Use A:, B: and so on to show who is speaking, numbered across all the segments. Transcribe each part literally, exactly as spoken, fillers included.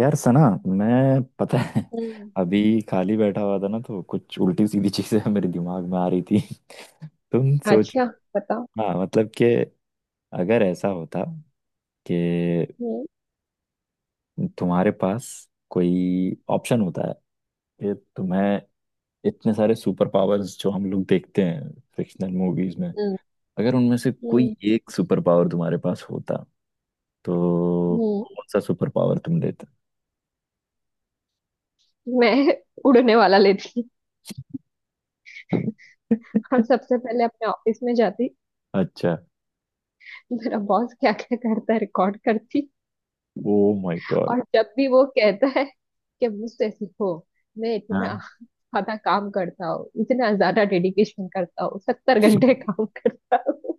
A: यार सना मैं पता है।
B: हम्म।
A: अभी खाली बैठा हुआ था ना, तो कुछ उल्टी सीधी चीजें मेरे दिमाग में आ रही थी। तुम सोचो।
B: अच्छा, बताओ।
A: हाँ, मतलब कि अगर ऐसा होता कि
B: हम्म।
A: तुम्हारे पास कोई ऑप्शन होता है कि तुम्हें इतने सारे सुपर पावर्स जो हम लोग देखते हैं फिक्शनल मूवीज में,
B: हम्म।
A: अगर उनमें से कोई
B: हम्म।
A: एक सुपर पावर तुम्हारे पास होता, तो
B: हम्म।
A: कौन सा सुपर पावर तुम लेते।
B: मैं उड़ने वाला लेती और सबसे पहले अपने ऑफिस में जाती।
A: अच्छा।
B: मेरा बॉस क्या क्या करता है रिकॉर्ड करती।
A: Oh my God.
B: और जब भी वो कहता है कि मुझसे सीखो, मैं इतना
A: हाँ।
B: ज्यादा काम करता हूँ, इतना ज्यादा डेडिकेशन करता हूँ, सत्तर घंटे काम करता हूँ।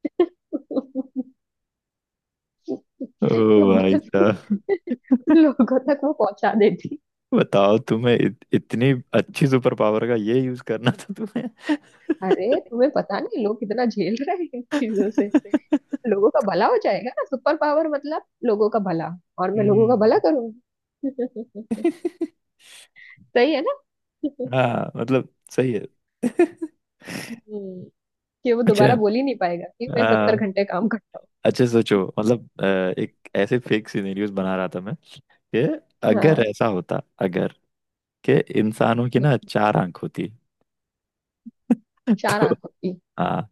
A: ओ।
B: तो
A: भाई
B: बस
A: साहब,
B: लोगों तक वो पहुंचा देती।
A: बताओ तुम्हें इत, इतनी अच्छी सुपर पावर का ये यूज करना था तुम्हें।
B: अरे तुम्हें पता नहीं लोग कितना झेल रहे हैं इन चीजों से, लोगों का भला हो जाएगा ना, सुपर पावर मतलब लोगों का भला, और मैं लोगों का
A: हम्म।
B: भला करूंगी। सही है ना?
A: हाँ मतलब सही है।
B: हम्म, कि वो
A: अच्छा।
B: दोबारा बोल ही नहीं पाएगा कि मैं सत्तर
A: हाँ।
B: घंटे काम करता
A: अच्छा सोचो, मतलब अ, एक ऐसे फेक सिनेरियोस बना रहा था मैं कि
B: हूँ।
A: अगर
B: हाँ।
A: ऐसा होता, अगर कि इंसानों की ना चार आंख होती
B: चार
A: तो।
B: आंखों की।
A: हाँ,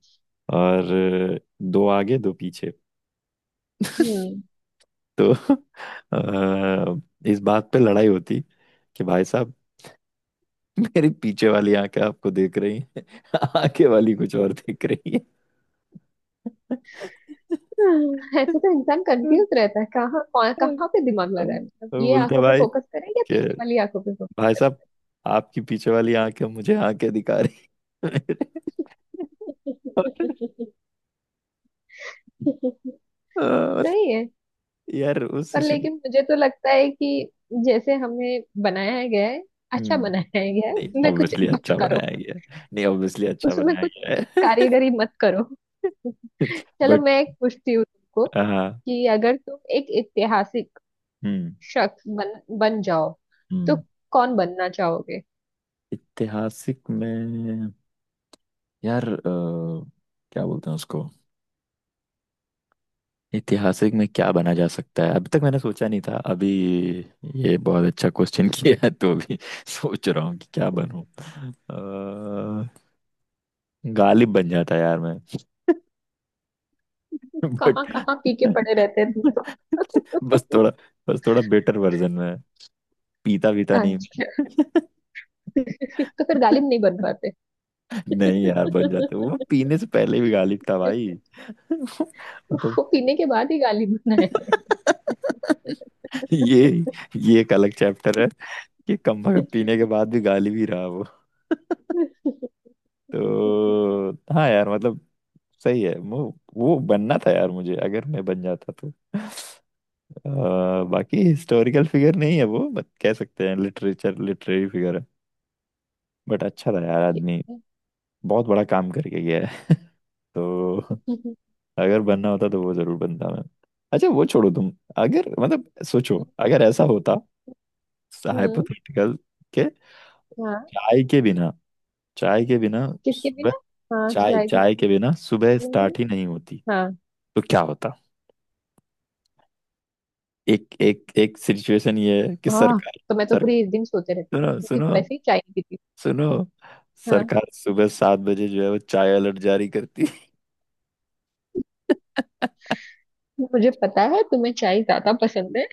A: और दो आगे दो पीछे।
B: हम्म।
A: तो अ, इस बात पे लड़ाई होती कि भाई साहब, मेरी पीछे वाली आंखें आपको देख रही हैं आगे वाली कुछ और देख रही है।
B: हाँ, ऐसे तो इंसान कंफ्यूज रहता है, कहाँ कौन- कहाँ पे दिमाग लगाए, मतलब
A: वो
B: ये
A: बोलते,
B: आंखों पे
A: भाई
B: फोकस करें या
A: कि
B: पीछे वाली आंखों पे फोकस
A: भाई
B: करें।
A: साहब, आपकी पीछे वाली आंखें मुझे आंखें दिखा रही। और, और
B: सही है।
A: यार, वो
B: पर
A: सीसीटीवी।
B: लेकिन मुझे तो लगता है कि जैसे हमें बनाया गया है, अच्छा
A: हम्म।
B: बनाया गया है,
A: नहीं,
B: उसमें कुछ
A: ऑब्वियसली
B: मत
A: अच्छा
B: करो।
A: बनाया गया है। नहीं ऑब्वियसली अच्छा
B: उसमें
A: बनाया
B: कुछ
A: गया है।
B: कारीगरी मत करो। चलो
A: बट
B: मैं एक पूछती हूँ तुमको,
A: हाँ।
B: कि अगर तुम एक ऐतिहासिक
A: हम्म।
B: शख्स बन बन जाओ तो
A: हम्म।
B: कौन बनना चाहोगे?
A: ऐतिहासिक में, यार अ, क्या बोलते हैं उसको। ऐतिहासिक में क्या बना जा सकता है, अभी तक मैंने सोचा नहीं था। अभी ये बहुत अच्छा क्वेश्चन किया है, तो अभी सोच रहा हूँ कि क्या बनूं। अ, गालिब बन जाता यार मैं।
B: कहाँ
A: बट
B: कहाँ पी के पड़े रहते हैं तुम तो।
A: बस थोड़ा बस थोड़ा बेटर वर्जन में, पीता वीता नहीं।
B: अच्छा। तो फिर गालिब नहीं बन पाते।
A: नहीं यार, बन जाते। वो पीने से पहले भी गालिब था भाई। मतलब
B: वो पीने के बाद ही गालिब बना है।
A: ये ये एक अलग चैप्टर है कि कम वक्त पीने के बाद भी गालिब ही रहा वो। तो हाँ यार, मतलब सही है। वो वो बनना था यार मुझे, अगर मैं बन जाता तो। अ, बाकी हिस्टोरिकल फिगर नहीं है वो, बट कह सकते हैं लिटरेचर, लिटरेरी फिगर है। बट अच्छा था यार आदमी, बहुत बड़ा काम करके गया है। तो अगर बनना होता तो वो जरूर बनता मैं। अच्छा वो छोड़ो तुम। अगर मतलब सोचो, अगर ऐसा होता
B: हम्म।
A: हाइपोथेटिकल के
B: हाँ।
A: चाय के बिना। चाय के बिना
B: किसके
A: सुबह।
B: बिना? हाँ,
A: चाय,
B: चाय के
A: चाय के बिना सुबह
B: बिना।
A: स्टार्ट ही नहीं होती
B: हाँ
A: तो क्या होता। एक एक एक सिचुएशन ये है कि
B: हाँ।
A: सरकार।
B: तो मैं तो
A: सर,
B: पूरी इस दिन सोते रहती थी,
A: सुनो
B: क्योंकि
A: सुनो
B: वैसे ही चाय नहीं पीती।
A: सुनो,
B: हाँ,
A: सरकार सुबह सात बजे जो है वो चाय अलर्ट जारी करती है।
B: मुझे पता है तुम्हें चाय ज्यादा पसंद है,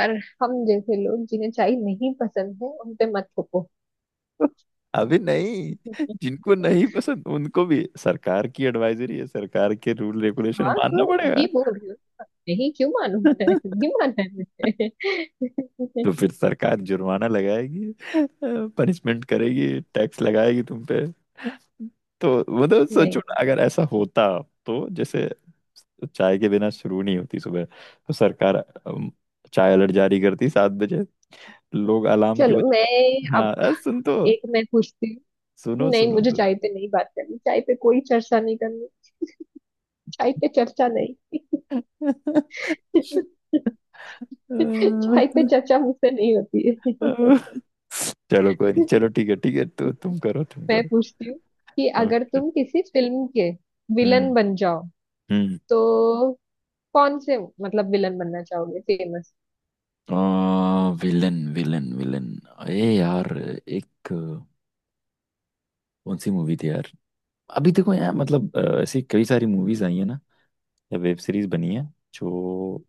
B: पर हम जैसे लोग जिन्हें चाय नहीं पसंद है, उन पे मत थोपो।
A: अभी नहीं, जिनको नहीं पसंद उनको भी सरकार की एडवाइजरी है, सरकार के रूल रेगुलेशन
B: हाँ
A: मानना
B: तो
A: पड़ेगा।
B: वही बोल रही हूँ, नहीं, क्यों मानू मैं? नहीं माना है मुझे।
A: तो फिर सरकार जुर्माना लगाएगी, पनिशमेंट करेगी, टैक्स लगाएगी तुम पे। तो मतलब सोचो
B: नहीं,
A: ना, अगर ऐसा होता तो जैसे चाय के बिना शुरू नहीं होती सुबह तो सरकार अम, चाय अलर्ट जारी करती सात बजे, लोग अलार्म की
B: चलो मैं
A: वजह।
B: अब
A: हाँ अरे सुन तो,
B: एक मैं पूछती हूँ।
A: सुनो
B: नहीं,
A: सुनो
B: मुझे चाय पे नहीं बात करनी, चाय पे कोई चर्चा नहीं करनी, चाय पे चर्चा नहीं।
A: सुनो।
B: चाय पे चर्चा मुझसे नहीं होती है।
A: चलो कोई नहीं, चलो ठीक है ठीक है, तो तुम करो तुम
B: मैं
A: करो।
B: पूछती हूँ, कि अगर
A: ओके।
B: तुम किसी फिल्म के विलन
A: हम्म।
B: बन जाओ
A: हम्म।
B: तो कौन से, मतलब विलन बनना चाहोगे फेमस?
A: Villain villain villain. ए यार, एक कौन सी मूवी थी यार। अभी देखो यार मतलब अ, ऐसी कई सारी मूवीज आई है ना, या वेब सीरीज बनी है, जो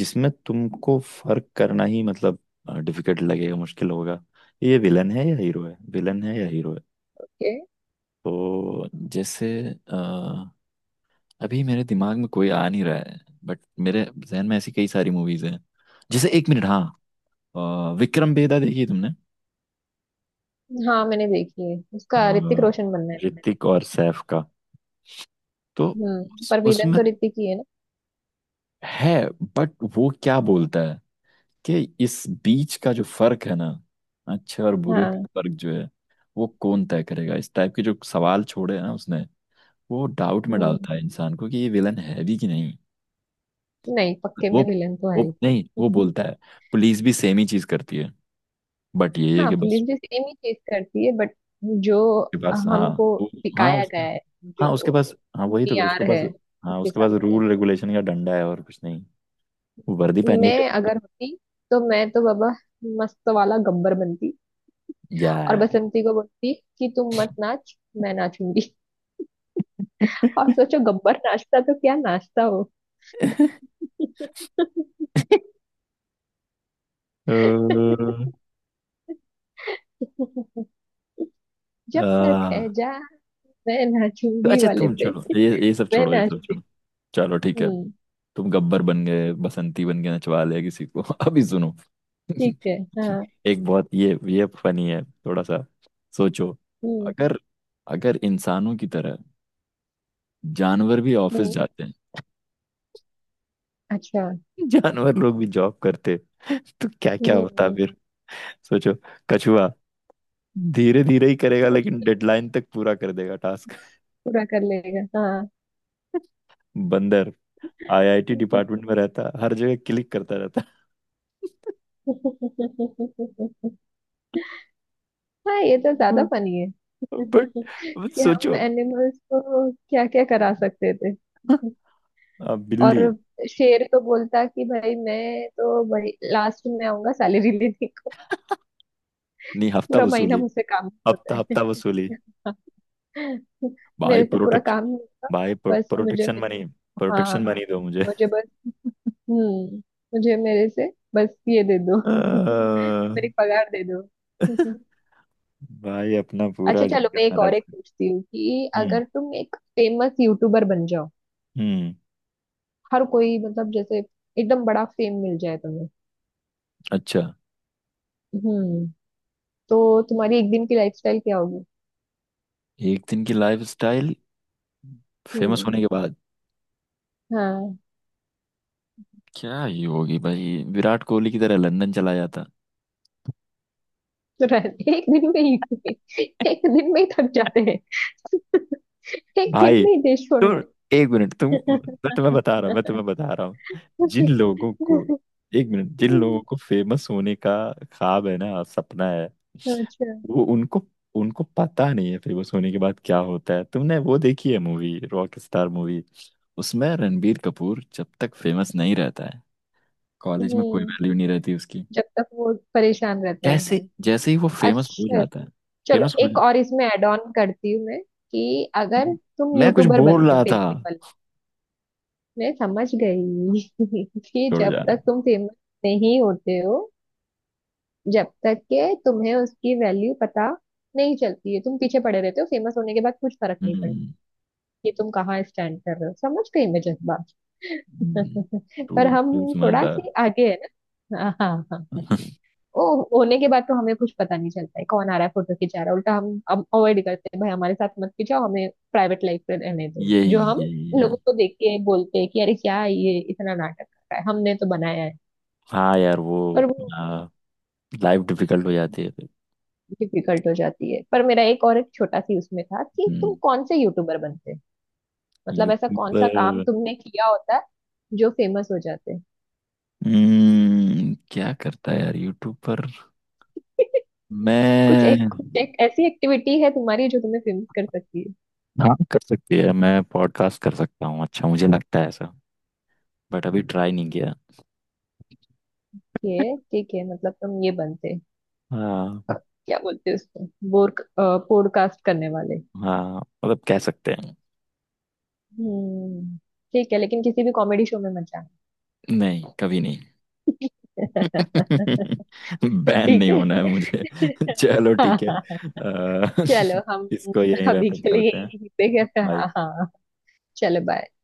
A: जिसमें तुमको फर्क करना ही, मतलब डिफिकल्ट लगेगा, मुश्किल होगा, ये विलन है या हीरो है, विलन है या हीरो है।
B: के।
A: तो जैसे अ, अभी मेरे दिमाग में कोई आ नहीं रहा है, बट मेरे जहन में ऐसी कई सारी मूवीज हैं। जैसे एक मिनट, हाँ अ, विक्रम बेदा देखी है तुमने।
B: हाँ मैंने देखी है,
A: अ,
B: उसका ऋतिक रोशन बनना है।
A: ऋतिक और सैफ का। तो
B: हम्म
A: उस-
B: पर विलन
A: उसमें
B: तो ऋतिक ही है ना?
A: है, बट वो क्या बोलता है कि इस बीच का जो फर्क है ना, अच्छे और बुरे का
B: हाँ।
A: फर्क जो है, वो कौन तय करेगा। इस टाइप के जो सवाल छोड़े हैं ना उसने, वो डाउट में
B: हम्म।
A: डालता है इंसान को कि ये विलन है भी कि नहीं।
B: नहीं, पक्के
A: वो
B: में विलन तो
A: वो
B: है ही।
A: नहीं, वो बोलता है पुलिस भी सेम ही चीज करती है, बट ये है
B: हाँ,
A: कि बस
B: पुलिस भी सेम ही चीज करती है बट जो
A: उसके पास, हाँ।
B: हमको
A: वो, हाँ
B: दिखाया
A: उस,
B: गया है,
A: हाँ उसके
B: जो
A: पास हाँ वही तो
B: मीआर
A: उसके पास,
B: है, उस
A: हाँ उसके
B: हिसाब
A: पास
B: से,
A: रूल रेगुलेशन का डंडा है और कुछ नहीं। वो वर्दी पहन के
B: मैं
A: करती
B: अगर
A: है।
B: होती तो मैं तो बाबा मस्त वाला गब्बर बनती और
A: यार।
B: बसंती को बोलती कि तुम मत नाच, मैं नाचूंगी, और सोचो गब्बर नाचता तो क्या नाचता हो।
A: अ,
B: जब तक है
A: आ,
B: जा, मैं
A: तो
B: नाचूंगी
A: अच्छा
B: वाले
A: तुम
B: पे।
A: छोड़ो, ये ये सब
B: मैं
A: छोड़ो, ये सब
B: नाचती।
A: छोड़ो। चलो ठीक है।
B: हम्म।
A: तुम गब्बर बन गए, बसंती बन गए, नचवा लिया किसी को। अभी सुनो।
B: ठीक है। हाँ।
A: एक बहुत ये ये फनी है थोड़ा सा। सोचो
B: हम्म।
A: अगर, अगर इंसानों की तरह जानवर भी ऑफिस
B: हम्म।
A: जाते हैं।
B: अच्छा।
A: जानवर लोग भी जॉब करते तो क्या क्या होता
B: हम्म।
A: फिर। सोचो, कछुआ धीरे धीरे ही करेगा
B: पू-
A: लेकिन डेडलाइन तक पूरा कर देगा टास्क।
B: पूरा कर लेगा, हाँ।
A: बंदर आईआईटी डिपार्टमेंट में रहता, हर जगह क्लिक करता रहता।
B: हाँ ये तो ज्यादा फनी है।
A: बट बट
B: कि हम
A: सोचो,
B: एनिमल्स को क्या क्या करा सकते थे।
A: अब
B: और
A: बिल्ली।
B: शेर तो बोलता कि भाई मैं तो भाई लास्ट में आऊंगा सैलरी लेने को,
A: नहीं, हफ्ता
B: पूरा महीना
A: वसूली।
B: मुझसे काम नहीं
A: हफ्ता
B: होता है।
A: हफ्ता वसूली। भाई
B: मेरे से पूरा
A: प्रोटेक्शन,
B: काम नहीं होता।
A: भाई
B: बस मुझे
A: प्रोटेक्शन
B: मेरी,
A: मनी। प्रोटेक्शन
B: हाँ,
A: मनी दो मुझे।
B: मुझे बस, हम्म, मुझे मेरे से बस ये दे दो।
A: आ,
B: मेरी पगार दे दो।
A: भाई अपना पूरा
B: अच्छा चलो मैं
A: जंगल में
B: एक और
A: रख।
B: एक पूछती हूँ, कि
A: हम्म।
B: अगर तुम एक फेमस यूट्यूबर बन जाओ,
A: हम्म।
B: हर कोई मतलब जैसे एकदम बड़ा फेम मिल जाए तुम्हें,
A: अच्छा।
B: हम्म तो तुम्हारी एक दिन की लाइफस्टाइल क्या?
A: एक दिन की लाइफ स्टाइल फेमस
B: हम्म।
A: होने के बाद
B: हाँ।
A: क्या ही होगी भाई, विराट कोहली की तरह लंदन चला जाता।
B: तो राज- एक दिन में ही एक दिन में ही थक जाते हैं। एक दिन
A: भाई
B: में ही देश छोड़ना
A: तुम, एक मिनट तुम,
B: है।
A: मैं तुम्हें बता रहा हूँ, मैं तुम्हें बता रहा हूँ जिन लोगों को, एक मिनट जिन लोगों को फेमस होने का ख्वाब है ना, सपना है,
B: अच्छा।
A: वो उनको उनको पता नहीं है फेमस होने के बाद क्या होता है। तुमने वो देखी है मूवी, रॉक स्टार मूवी। उसमें रणबीर कपूर जब तक फेमस नहीं रहता है, कॉलेज में कोई
B: हम्म।
A: वैल्यू नहीं रहती उसकी।
B: जब तक वो परेशान रहता है।
A: कैसे जैसे ही वो फेमस हो
B: अच्छा,
A: जाता है।
B: चलो
A: फेमस हो,
B: एक और इसमें ऐड ऑन करती हूँ मैं, कि अगर तुम
A: मैं कुछ
B: यूट्यूबर
A: बोल
B: बनते
A: रहा था।
B: सिंपल। मैं समझ गई कि
A: छोड़ो
B: जब
A: जाना।
B: तक तुम फेमस नहीं होते हो, जब तक के तुम्हें उसकी वैल्यू पता नहीं चलती है, तुम पीछे पड़े रहते हो, फेमस होने के बाद कुछ फर्क नहीं पड़ता
A: हम्म।
B: कि तुम कहाँ स्टैंड कर रहे हो। समझ गई मैं जज्बात।
A: हम्म,
B: पर
A: तू
B: हम
A: तू
B: थोड़ा
A: समझदार।
B: सी आगे है ना, हाँ हाँ हाँ हाँ। ओ होने के बाद तो हमें कुछ पता नहीं चलता है, कौन आ रहा है, फोटो खिंचा रहा है, उल्टा हम अब अवॉइड करते हैं, भाई हमारे साथ मत खिंचाओ, हमें प्राइवेट लाइफ में रहने दो,
A: यही
B: जो हम
A: यही यही
B: लोगों को देख के बोलते हैं कि अरे क्या ये इतना नाटक कर रहा है, हमने तो बनाया है।
A: हाँ यार, वो
B: पर वो
A: लाइफ डिफिकल्ट हो जाती है फिर।
B: डिफिकल्ट हो जाती है, पर मेरा एक और एक छोटा सी उसमें था, कि तुम
A: हम्म।
B: कौन से यूट्यूबर बनते, मतलब ऐसा
A: यूट्यूब
B: कौन सा
A: पर।
B: काम तुमने किया होता है जो फेमस हो जाते?
A: हम्म, क्या करता है यार यूट्यूब पर
B: कुछ
A: मैं।
B: एक कुछ एक ऐसी एक्टिविटी है तुम्हारी जो तुम्हें फेमस कर सकती है।
A: हाँ कर सकती है, मैं पॉडकास्ट कर सकता हूँ, अच्छा मुझे लगता है ऐसा, बट अभी ट्राई नहीं किया।
B: ये ठीक है, मतलब तुम ये बनते?
A: हाँ।
B: क्या बोलते हैं उसको, बोर पॉडकास्ट करने वाले।
A: हाँ मतलब कह सकते हैं।
B: हम्म। ठीक है, लेकिन किसी भी कॉमेडी शो में मत जाना।
A: नहीं कभी नहीं। बैन
B: ठीक
A: नहीं होना है मुझे।
B: है।
A: चलो
B: हाँ
A: ठीक है
B: हाँ,
A: अ,
B: चलो हम
A: इसको यहीं
B: अभी
A: रैप अप
B: के लिए
A: करते हैं
B: यहीं पे, हाँ
A: भाई।
B: हाँ, चलो बाय।